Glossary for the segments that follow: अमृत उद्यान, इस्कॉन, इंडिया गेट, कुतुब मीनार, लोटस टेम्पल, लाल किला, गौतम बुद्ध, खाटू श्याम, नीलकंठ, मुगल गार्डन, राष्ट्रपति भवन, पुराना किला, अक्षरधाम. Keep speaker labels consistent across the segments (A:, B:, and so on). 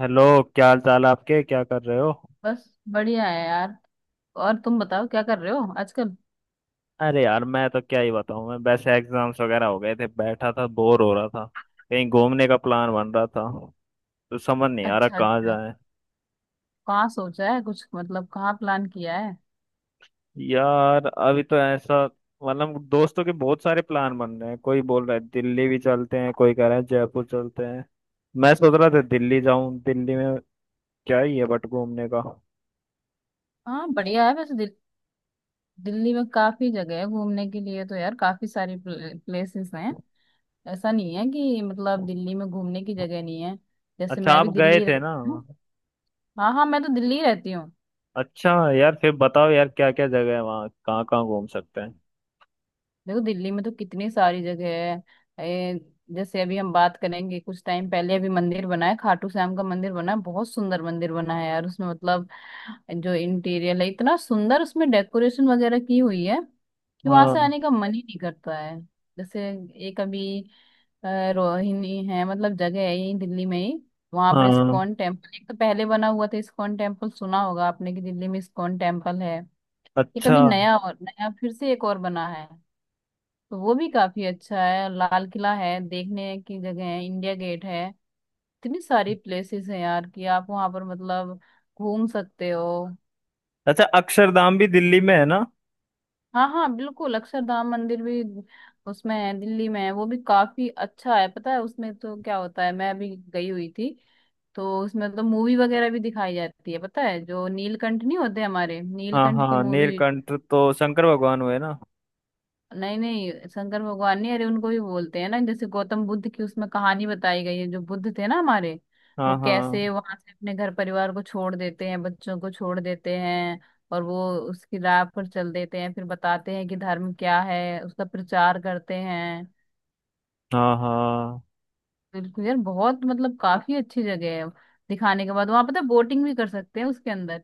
A: Hello. क्या हाल चाल आपके, क्या कर रहे हो?
B: बस बढ़िया है यार। और तुम बताओ क्या कर रहे हो आजकल।
A: अरे यार मैं तो क्या ही बताऊं, मैं वैसे एग्जाम्स वगैरह हो गए थे, बैठा था बोर हो रहा था। कहीं घूमने का प्लान बन रहा था तो समझ नहीं आ रहा
B: अच्छा
A: कहाँ
B: अच्छा।
A: जाए।
B: कहाँ सोचा है कुछ मतलब कहाँ प्लान किया है।
A: यार अभी तो ऐसा, मतलब दोस्तों के बहुत सारे प्लान बन रहे हैं, कोई बोल रहा है दिल्ली भी चलते हैं, कोई कह रहा है जयपुर चलते हैं। मैं सोच रहा था दिल्ली जाऊं, दिल्ली में क्या ही है बट घूमने का।
B: हाँ बढ़िया है वैसे दिल्ली में काफी जगह है घूमने के लिए तो यार काफी सारी प्लेसेस हैं। ऐसा नहीं है कि मतलब दिल्ली में घूमने की जगह नहीं है। जैसे
A: अच्छा
B: मैं भी
A: आप
B: दिल्ली
A: गए
B: ही
A: थे ना।
B: रहती हूँ। हाँ हाँ मैं तो दिल्ली ही रहती हूँ।
A: अच्छा यार फिर बताओ यार, क्या क्या जगह है वहाँ, कहाँ कहाँ घूम सकते हैं।
B: देखो दिल्ली में तो कितनी सारी जगह है जैसे अभी हम बात करेंगे कुछ टाइम पहले अभी मंदिर बना है। खाटू श्याम का मंदिर बना है, बहुत सुंदर मंदिर बना है यार। उसमें मतलब जो इंटीरियर है इतना सुंदर, उसमें डेकोरेशन वगैरह की हुई है कि वहां से
A: हाँ
B: आने का मन ही नहीं करता है। जैसे एक अभी रोहिणी है, मतलब जगह है यही दिल्ली में ही। वहां पर
A: हाँ।
B: इस्कॉन टेम्पल एक तो पहले बना हुआ था, इस्कॉन टेम्पल सुना होगा आपने कि दिल्ली में इस्कॉन टेम्पल है। ये
A: अच्छा
B: कभी नया और नया फिर से एक और बना है तो वो भी काफी अच्छा है। लाल किला है देखने की जगह है, इंडिया गेट है। इतनी सारी प्लेसेस हैं यार कि आप वहां पर मतलब घूम सकते हो।
A: अच्छा, अक्षरधाम भी दिल्ली में है ना?
B: हाँ हाँ बिल्कुल, अक्षरधाम मंदिर भी उसमें है, दिल्ली में है, वो भी काफी अच्छा है। पता है उसमें तो क्या होता है, मैं अभी गई हुई थी तो उसमें तो मूवी वगैरह भी दिखाई जाती है। पता है जो नीलकंठ नहीं होते हमारे,
A: हाँ
B: नीलकंठ की
A: हाँ,
B: मूवी।
A: नीलकंठ तो शंकर भगवान हुए ना?
B: नहीं नहीं, शंकर भगवान नहीं, अरे उनको भी बोलते हैं ना। जैसे गौतम बुद्ध की उसमें कहानी बताई गई है, जो बुद्ध थे ना हमारे। वो
A: हाँ हाँ।
B: कैसे वहां से अपने घर परिवार को छोड़ देते हैं, बच्चों को छोड़ देते हैं और वो उसकी राह पर चल देते हैं, फिर बताते हैं कि धर्म क्या है, उसका प्रचार करते हैं।
A: हाँ हाँ।
B: बिल्कुल यार, बहुत मतलब काफी अच्छी जगह है। दिखाने के बाद वहां पता बोटिंग भी कर सकते हैं उसके अंदर,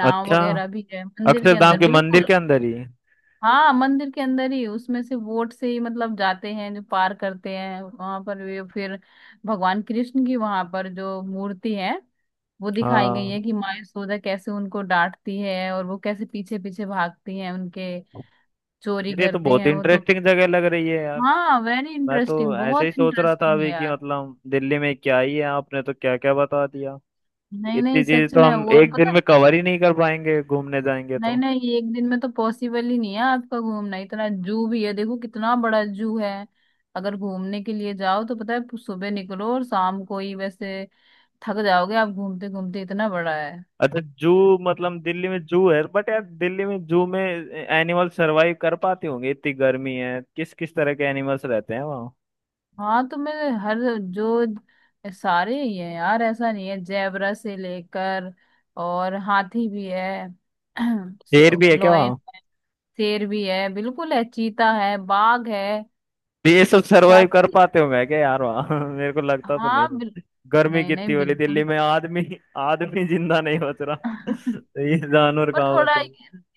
B: नाव
A: अच्छा,
B: वगैरह भी है मंदिर के
A: अक्षरधाम
B: अंदर
A: के मंदिर
B: बिल्कुल।
A: के अंदर ही?
B: हाँ मंदिर के अंदर ही, उसमें से वोट से ही मतलब जाते हैं, जो पार करते हैं वहां पर, वे फिर भगवान कृष्ण की वहां पर जो मूर्ति है वो दिखाई गई है,
A: हाँ।
B: कि माँ यशोदा कैसे उनको डांटती है और वो कैसे पीछे पीछे भागती हैं उनके, चोरी
A: यार ये तो
B: करते
A: बहुत
B: हैं वो तो।
A: इंटरेस्टिंग जगह लग रही है यार।
B: हाँ वेरी
A: मैं तो
B: इंटरेस्टिंग,
A: ऐसे ही
B: बहुत
A: सोच रहा था
B: इंटरेस्टिंग है
A: अभी कि
B: यार।
A: मतलब दिल्ली में क्या ही है, आपने तो क्या क्या बता दिया।
B: नहीं
A: इतनी
B: नहीं
A: चीज
B: सच
A: तो
B: में,
A: हम
B: वो और
A: एक दिन
B: पता है।
A: में कवर ही नहीं कर पाएंगे घूमने जाएंगे
B: नहीं
A: तो।
B: नहीं, ये एक दिन में तो पॉसिबल ही नहीं है आपका घूमना, इतना जू भी है, देखो कितना बड़ा जू है। अगर घूमने के लिए जाओ तो पता है सुबह निकलो और शाम को ही वैसे थक जाओगे आप घूमते घूमते, इतना बड़ा है।
A: अच्छा जू, मतलब दिल्ली में जू है? बट यार दिल्ली में जू में एनिमल सरवाइव कर पाते होंगे? इतनी गर्मी है, किस किस तरह के एनिमल्स रहते हैं वहाँ?
B: हाँ तो मैं हर जो सारे ही है यार, ऐसा नहीं है, जेबरा से लेकर और हाथी भी है से-
A: शेर भी है क्या
B: लोयन
A: वहाँ?
B: है, शेर भी है बिल्कुल है, चीता है, बाघ है
A: भी ये सब सरवाइव कर
B: सारी।
A: पाते होंगे क्या यार वहाँ मेरे को लगता तो नहीं
B: हाँ
A: है। गर्मी
B: नहीं नहीं
A: कितनी हो रही दिल्ली
B: बिल्कुल।
A: में, आदमी आदमी जिंदा नहीं बच रहा तो ये जानवर
B: पर
A: कहाँ
B: थोड़ा
A: बचे।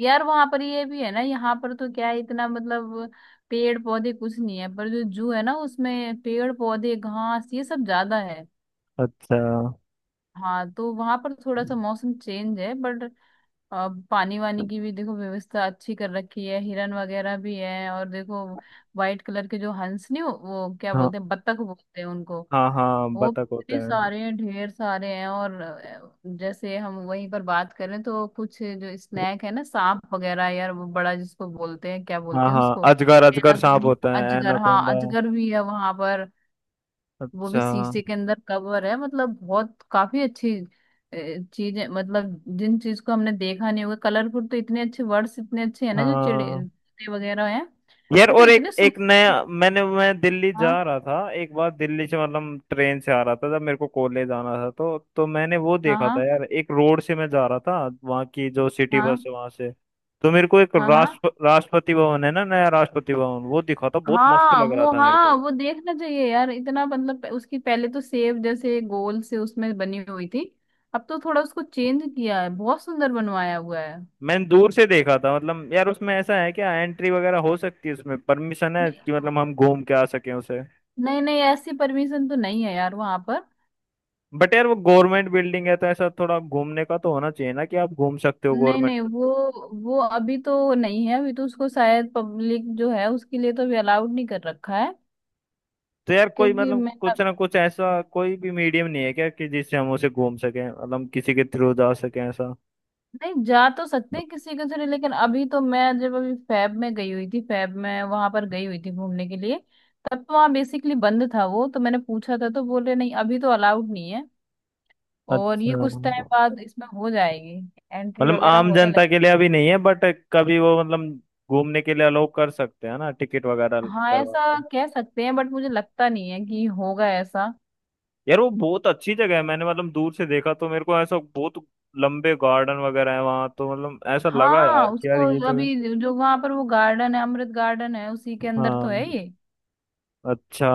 B: यार वहां पर ये भी है ना, यहाँ पर तो क्या है, इतना मतलब पेड़ पौधे कुछ नहीं है, पर जो जू है ना उसमें पेड़ पौधे घास ये सब ज्यादा है।
A: अच्छा।
B: हाँ तो वहां पर थोड़ा सा मौसम चेंज है बट पानी वानी की भी देखो व्यवस्था अच्छी कर रखी है, हिरन वगैरह भी है। और देखो व्हाइट कलर के जो हंस नहीं वो क्या
A: हाँ
B: बोलते हैं, बत्तख बोलते हैं उनको।
A: हाँ। हाँ
B: वो
A: बतख होते
B: इतने
A: हैं।
B: सारे हैं, ढेर सारे हैं। और जैसे हम वहीं पर बात करें तो कुछ जो स्नैक है ना, सांप वगैरह यार, वो बड़ा जिसको बोलते हैं, क्या
A: हाँ
B: बोलते हैं
A: हाँ,
B: उसको।
A: अजगर। अजगर सांप
B: एनाकॉन
A: होता है,
B: अजगर, हाँ
A: एनाकोंडा।
B: अजगर भी है वहां पर। वो भी
A: अच्छा।
B: शीशे के अंदर कवर है, मतलब बहुत काफी अच्छी चीजें। मतलब जिन चीज को हमने देखा नहीं होगा, कलरफुल तो इतने अच्छे, वर्ड्स इतने अच्छे हैं ना, जो चिड़े
A: हाँ
B: चिड़े वगैरह हैं।
A: यार,
B: वो तो
A: और एक
B: इतने
A: एक
B: सुंदर।
A: नया मैंने, मैं दिल्ली जा
B: हाँ
A: रहा था, एक बार दिल्ली से मतलब ट्रेन से आ रहा था जब मेरे को कॉलेज आना था, तो मैंने वो
B: हाँ
A: देखा था
B: हाँ
A: यार, एक रोड से मैं जा रहा था, वहाँ की जो सिटी
B: हाँ
A: बस है वहाँ से, तो मेरे को एक
B: हाँ हाँ।
A: राष्ट्रपति भवन है ना, नया राष्ट्रपति भवन वो दिखा था, बहुत मस्त
B: हाँ
A: लग रहा
B: वो,
A: था मेरे
B: हाँ
A: को।
B: वो देखना चाहिए यार, इतना मतलब उसकी पहले तो सेव जैसे गोल से उसमें बनी हुई थी। अब तो थोड़ा उसको चेंज किया है, बहुत सुंदर बनवाया हुआ है।
A: मैंने दूर से देखा था मतलब, यार उसमें ऐसा है क्या, एंट्री वगैरह हो सकती है उसमें? परमिशन है
B: नहीं
A: कि मतलब हम घूम के आ सकें उसे?
B: नहीं नहीं, ऐसी परमिशन तो नहीं है यार वहां पर।
A: बट यार वो गवर्नमेंट बिल्डिंग है तो ऐसा थोड़ा घूमने का तो होना चाहिए ना कि आप घूम सकते हो
B: नहीं
A: गवर्नमेंट।
B: नहीं, वो अभी तो नहीं है, अभी तो उसको शायद पब्लिक जो है उसके लिए तो अभी अलाउड नहीं कर रखा है।
A: तो यार कोई
B: क्योंकि
A: मतलब
B: मैं
A: कुछ ना कुछ ऐसा कोई भी मीडियम नहीं है क्या कि जिससे हम उसे घूम सकें, मतलब हम किसी के थ्रू जा सकें ऐसा?
B: नहीं जा तो सकते हैं किसी के थ्रू, लेकिन अभी तो मैं जब अभी फैब में गई हुई थी, फैब में वहां पर गई हुई थी घूमने के लिए, तब तो वहाँ बेसिकली बंद था। वो तो मैंने पूछा था तो बोले नहीं अभी तो अलाउड नहीं है, और ये
A: अच्छा,
B: कुछ टाइम बाद इसमें हो जाएगी एंट्री
A: मतलब
B: वगैरह
A: आम
B: होने लग।
A: जनता के लिए अभी नहीं है बट कभी वो मतलब घूमने के लिए अलाउ कर सकते हैं ना, टिकट वगैरह
B: हाँ
A: करवा
B: ऐसा
A: के।
B: कह सकते हैं बट मुझे लगता नहीं है कि होगा ऐसा।
A: यार वो बहुत अच्छी जगह है, मैंने मतलब दूर से देखा तो मेरे को ऐसा बहुत लंबे गार्डन वगैरह है वहां तो, मतलब ऐसा लगा
B: हाँ
A: यार कि यार
B: उसको
A: ये
B: अभी
A: जगह।
B: जो वहां पर वो गार्डन है, अमृत गार्डन है, उसी के अंदर तो
A: हाँ।
B: है ये।
A: अच्छा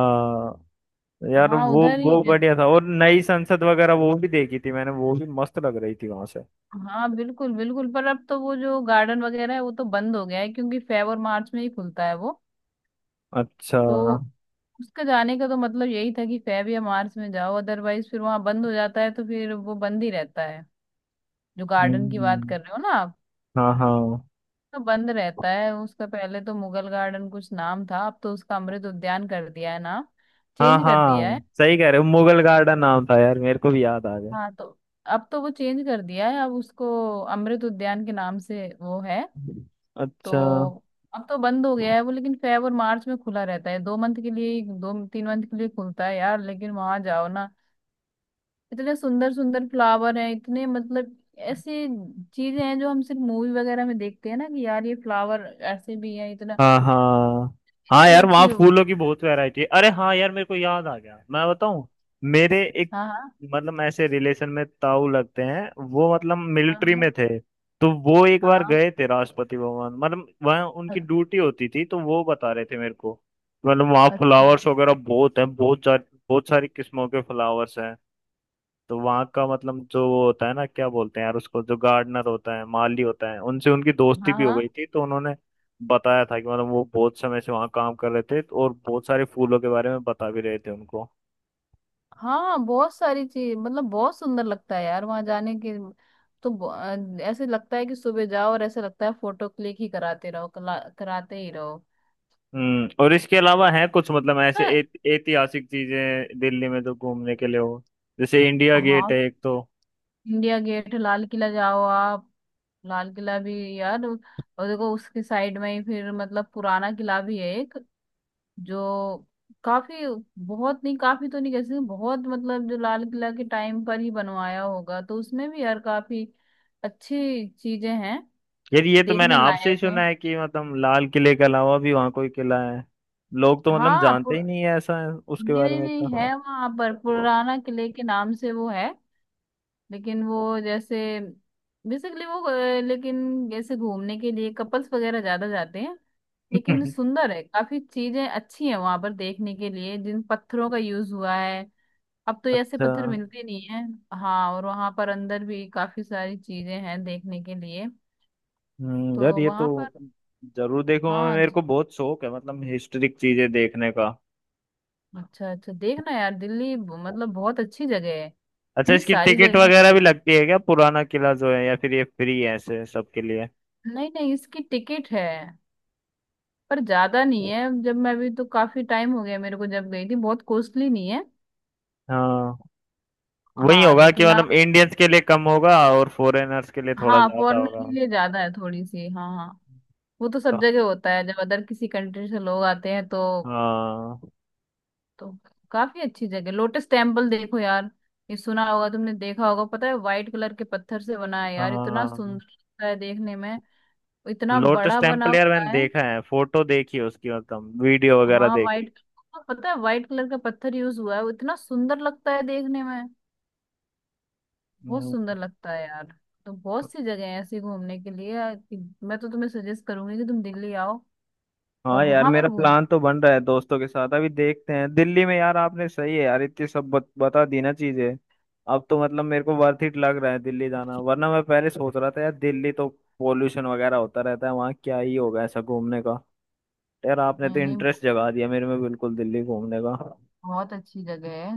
A: यार
B: हाँ
A: वो
B: उधर ही।
A: बढ़िया था, और नई संसद वगैरह वो भी देखी थी मैंने, वो भी मस्त लग रही थी वहां।
B: हाँ बिल्कुल बिल्कुल, पर अब तो वो जो गार्डन वगैरह है वो तो बंद हो गया है, क्योंकि फेब और मार्च में ही खुलता है वो।
A: अच्छा।
B: तो उसका जाने का तो मतलब यही था कि फेब या मार्च में जाओ, अदरवाइज फिर वहाँ बंद हो जाता है तो फिर वो बंद ही रहता है। जो गार्डन की बात
A: हम्म।
B: कर रहे हो ना आप,
A: हाँ हाँ।
B: तो बंद रहता है उसका। पहले तो मुगल गार्डन कुछ नाम था, अब तो उसका अमृत उद्यान कर दिया है नाम,
A: हाँ
B: चेंज कर दिया
A: हाँ,
B: है।
A: सही कह रहे हो, मुगल गार्डन नाम था यार, मेरे को भी याद आ गया।
B: हाँ तो अब तो वो चेंज कर दिया है, अब उसको अमृत उद्यान के नाम से वो है।
A: अच्छा।
B: तो अब तो बंद हो गया है वो, लेकिन फेब और मार्च में खुला रहता है। दो तीन मंथ के लिए खुलता है यार। लेकिन वहां जाओ ना, इतने सुंदर सुंदर फ्लावर हैं, इतने मतलब ऐसी चीजें हैं जो हम सिर्फ मूवी वगैरह में देखते हैं ना, कि यार ये फ्लावर ऐसे भी है, इतना
A: हाँ हाँ। हाँ
B: इतनी
A: यार
B: अच्छी
A: वहाँ
B: जो।
A: फूलों की बहुत वैरायटी है। अरे हाँ यार मेरे को याद आ गया, मैं बताऊँ, मेरे एक,
B: हाँ हाँ
A: मतलब ऐसे रिलेशन में ताऊ लगते हैं, वो मतलब मिलिट्री
B: हाँ
A: में थे, तो वो एक
B: हाँ
A: बार
B: हाँ,
A: गए थे राष्ट्रपति भवन, मतलब वहाँ उनकी
B: अ-
A: ड्यूटी होती थी, तो वो बता रहे थे मेरे को, मतलब वहाँ
B: अच्छा
A: फ्लावर्स वगैरह बहुत हैं, बहुत सारी किस्मों के फ्लावर्स हैं। तो वहाँ का मतलब जो वो होता है ना, क्या बोलते हैं यार उसको, जो गार्डनर होता है, माली होता है, उनसे उनकी दोस्ती
B: हाँ
A: भी हो गई
B: हाँ
A: थी, तो उन्होंने बताया था कि मतलब वो बहुत समय से वहाँ काम कर रहे थे और बहुत सारे फूलों के बारे में बता भी रहे थे उनको।
B: हाँ, बहुत सारी चीज मतलब बहुत सुंदर लगता है यार वहां जाने के। तो ऐसे लगता है कि सुबह जाओ, और ऐसे लगता है फोटो क्लिक ही कराते रहो, कराते ही रहो।
A: हम्म, और इसके अलावा है कुछ मतलब ऐसे
B: हाँ
A: ऐतिहासिक चीजें दिल्ली में जो घूमने के लिए हो, जैसे इंडिया गेट
B: हाँ,
A: है एक तो।
B: इंडिया गेट लाल किला जाओ आप, लाल किला भी। यार और देखो उसके साइड में ही फिर मतलब पुराना किला भी है एक, जो काफी बहुत नहीं, काफी तो नहीं कह सकते बहुत मतलब, जो लाल किला के टाइम पर ही बनवाया होगा तो उसमें भी यार काफी अच्छी चीजें हैं
A: यार ये तो मैंने
B: देखने
A: आपसे ही
B: लायक
A: सुना
B: हैं।
A: है कि मतलब लाल किले के अलावा भी वहाँ कोई किला है, लोग तो मतलब
B: हाँ
A: जानते ही नहीं है, ऐसा है उसके
B: नहीं
A: बारे
B: नहीं,
A: में
B: नहीं
A: इतना।
B: है वहाँ पर, पुराना किले के नाम से वो है। लेकिन वो जैसे बेसिकली वो लेकिन जैसे घूमने के लिए कपल्स वगैरह ज्यादा जाते हैं। लेकिन सुंदर है, काफी चीजें अच्छी हैं वहां पर देखने के लिए, जिन पत्थरों का यूज हुआ है अब तो ऐसे
A: अच्छा।
B: पत्थर मिलते नहीं है। हाँ और वहां पर अंदर भी काफी सारी चीजें हैं देखने के लिए, तो
A: यार ये तो
B: वहां पर।
A: जरूर देखूंगा मैं,
B: हाँ
A: मेरे को बहुत शौक है मतलब हिस्टोरिक चीजें देखने का।
B: अच्छा अच्छा देखना यार, दिल्ली मतलब बहुत अच्छी जगह है,
A: अच्छा,
B: इतनी
A: इसकी
B: सारी
A: टिकट
B: जगह।
A: वगैरह भी लगती है क्या पुराना किला जो है, या फिर ये फ्री है ऐसे सबके लिए?
B: नहीं नहीं, इसकी टिकट है पर ज्यादा नहीं है, जब मैं भी तो काफी टाइम हो गया मेरे को जब गई थी, बहुत कॉस्टली नहीं है।
A: हाँ वही
B: हाँ
A: होगा कि
B: लेकिन आप।
A: मतलब इंडियंस के लिए कम होगा और फॉरेनर्स के लिए थोड़ा
B: हाँ
A: ज्यादा
B: फॉरेनर के
A: होगा।
B: लिए ज्यादा है थोड़ी सी, हाँ हाँ। वो तो
A: तो
B: सब जगह होता है, जब अदर किसी कंट्री से लोग आते हैं तो।
A: हाँ
B: तो काफी अच्छी जगह लोटस टेम्पल देखो यार, ये सुना होगा तुमने देखा होगा। पता है व्हाइट कलर के पत्थर से बना है यार, इतना
A: हाँ।
B: सुंदर लगता है देखने में, इतना
A: लोटस
B: बड़ा बना
A: टेम्पल, यार
B: हुआ
A: मैंने
B: है।
A: देखा है, फोटो देखी है उसकी, मतलब वीडियो वगैरह
B: हाँ
A: देखे।
B: व्हाइट, हाँ, पता है व्हाइट कलर का पत्थर यूज हुआ है, वो इतना सुंदर लगता है देखने में, बहुत
A: हम्म।
B: सुंदर लगता है यार। तो बहुत सी जगह है ऐसी घूमने के लिए। मैं तो तुम्हें सजेस्ट करूंगी कि तुम दिल्ली आओ और
A: हाँ यार
B: वहां पर
A: मेरा
B: घूम।
A: प्लान तो बन रहा है दोस्तों के साथ, अभी देखते हैं दिल्ली में, यार आपने सही है यार इतनी सब बता दी ना चीजें। अब तो मतलब मेरे को वर्थ इट लग रहा है दिल्ली जाना, वरना मैं पहले सोच रहा था यार दिल्ली तो पोल्यूशन वगैरह होता रहता है वहाँ, क्या ही होगा ऐसा घूमने का। यार आपने
B: नहीं
A: तो
B: नहीं,
A: इंटरेस्ट जगा दिया मेरे में बिल्कुल दिल्ली घूमने का।
B: बहुत अच्छी जगह है।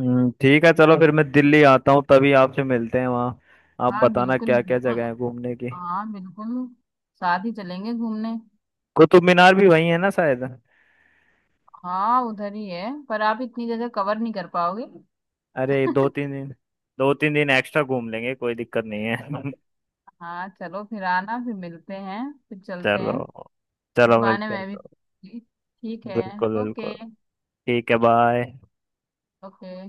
A: ठीक है, चलो फिर मैं दिल्ली आता हूँ तभी आपसे मिलते हैं वहाँ। आप
B: हाँ
A: बताना
B: बिल्कुल
A: क्या क्या
B: बिल्कुल।
A: जगह है घूमने की।
B: हाँ बिल्कुल, साथ ही चलेंगे घूमने।
A: कुतुब मीनार भी वही है ना शायद?
B: हाँ उधर ही है, पर आप इतनी जगह कवर नहीं कर पाओगे।
A: अरे दो तीन दिन, दो तीन दिन एक्स्ट्रा घूम लेंगे, कोई दिक्कत नहीं है।
B: हाँ चलो फिर आना, फिर मिलते हैं, फिर चलते
A: चलो,
B: हैं, इस
A: चलो
B: बहाने
A: मिलते हैं
B: मैं भी।
A: तो।
B: ठीक है।
A: बिल्कुल बिल्कुल।
B: ओके।
A: ठीक है बाय।
B: ओके।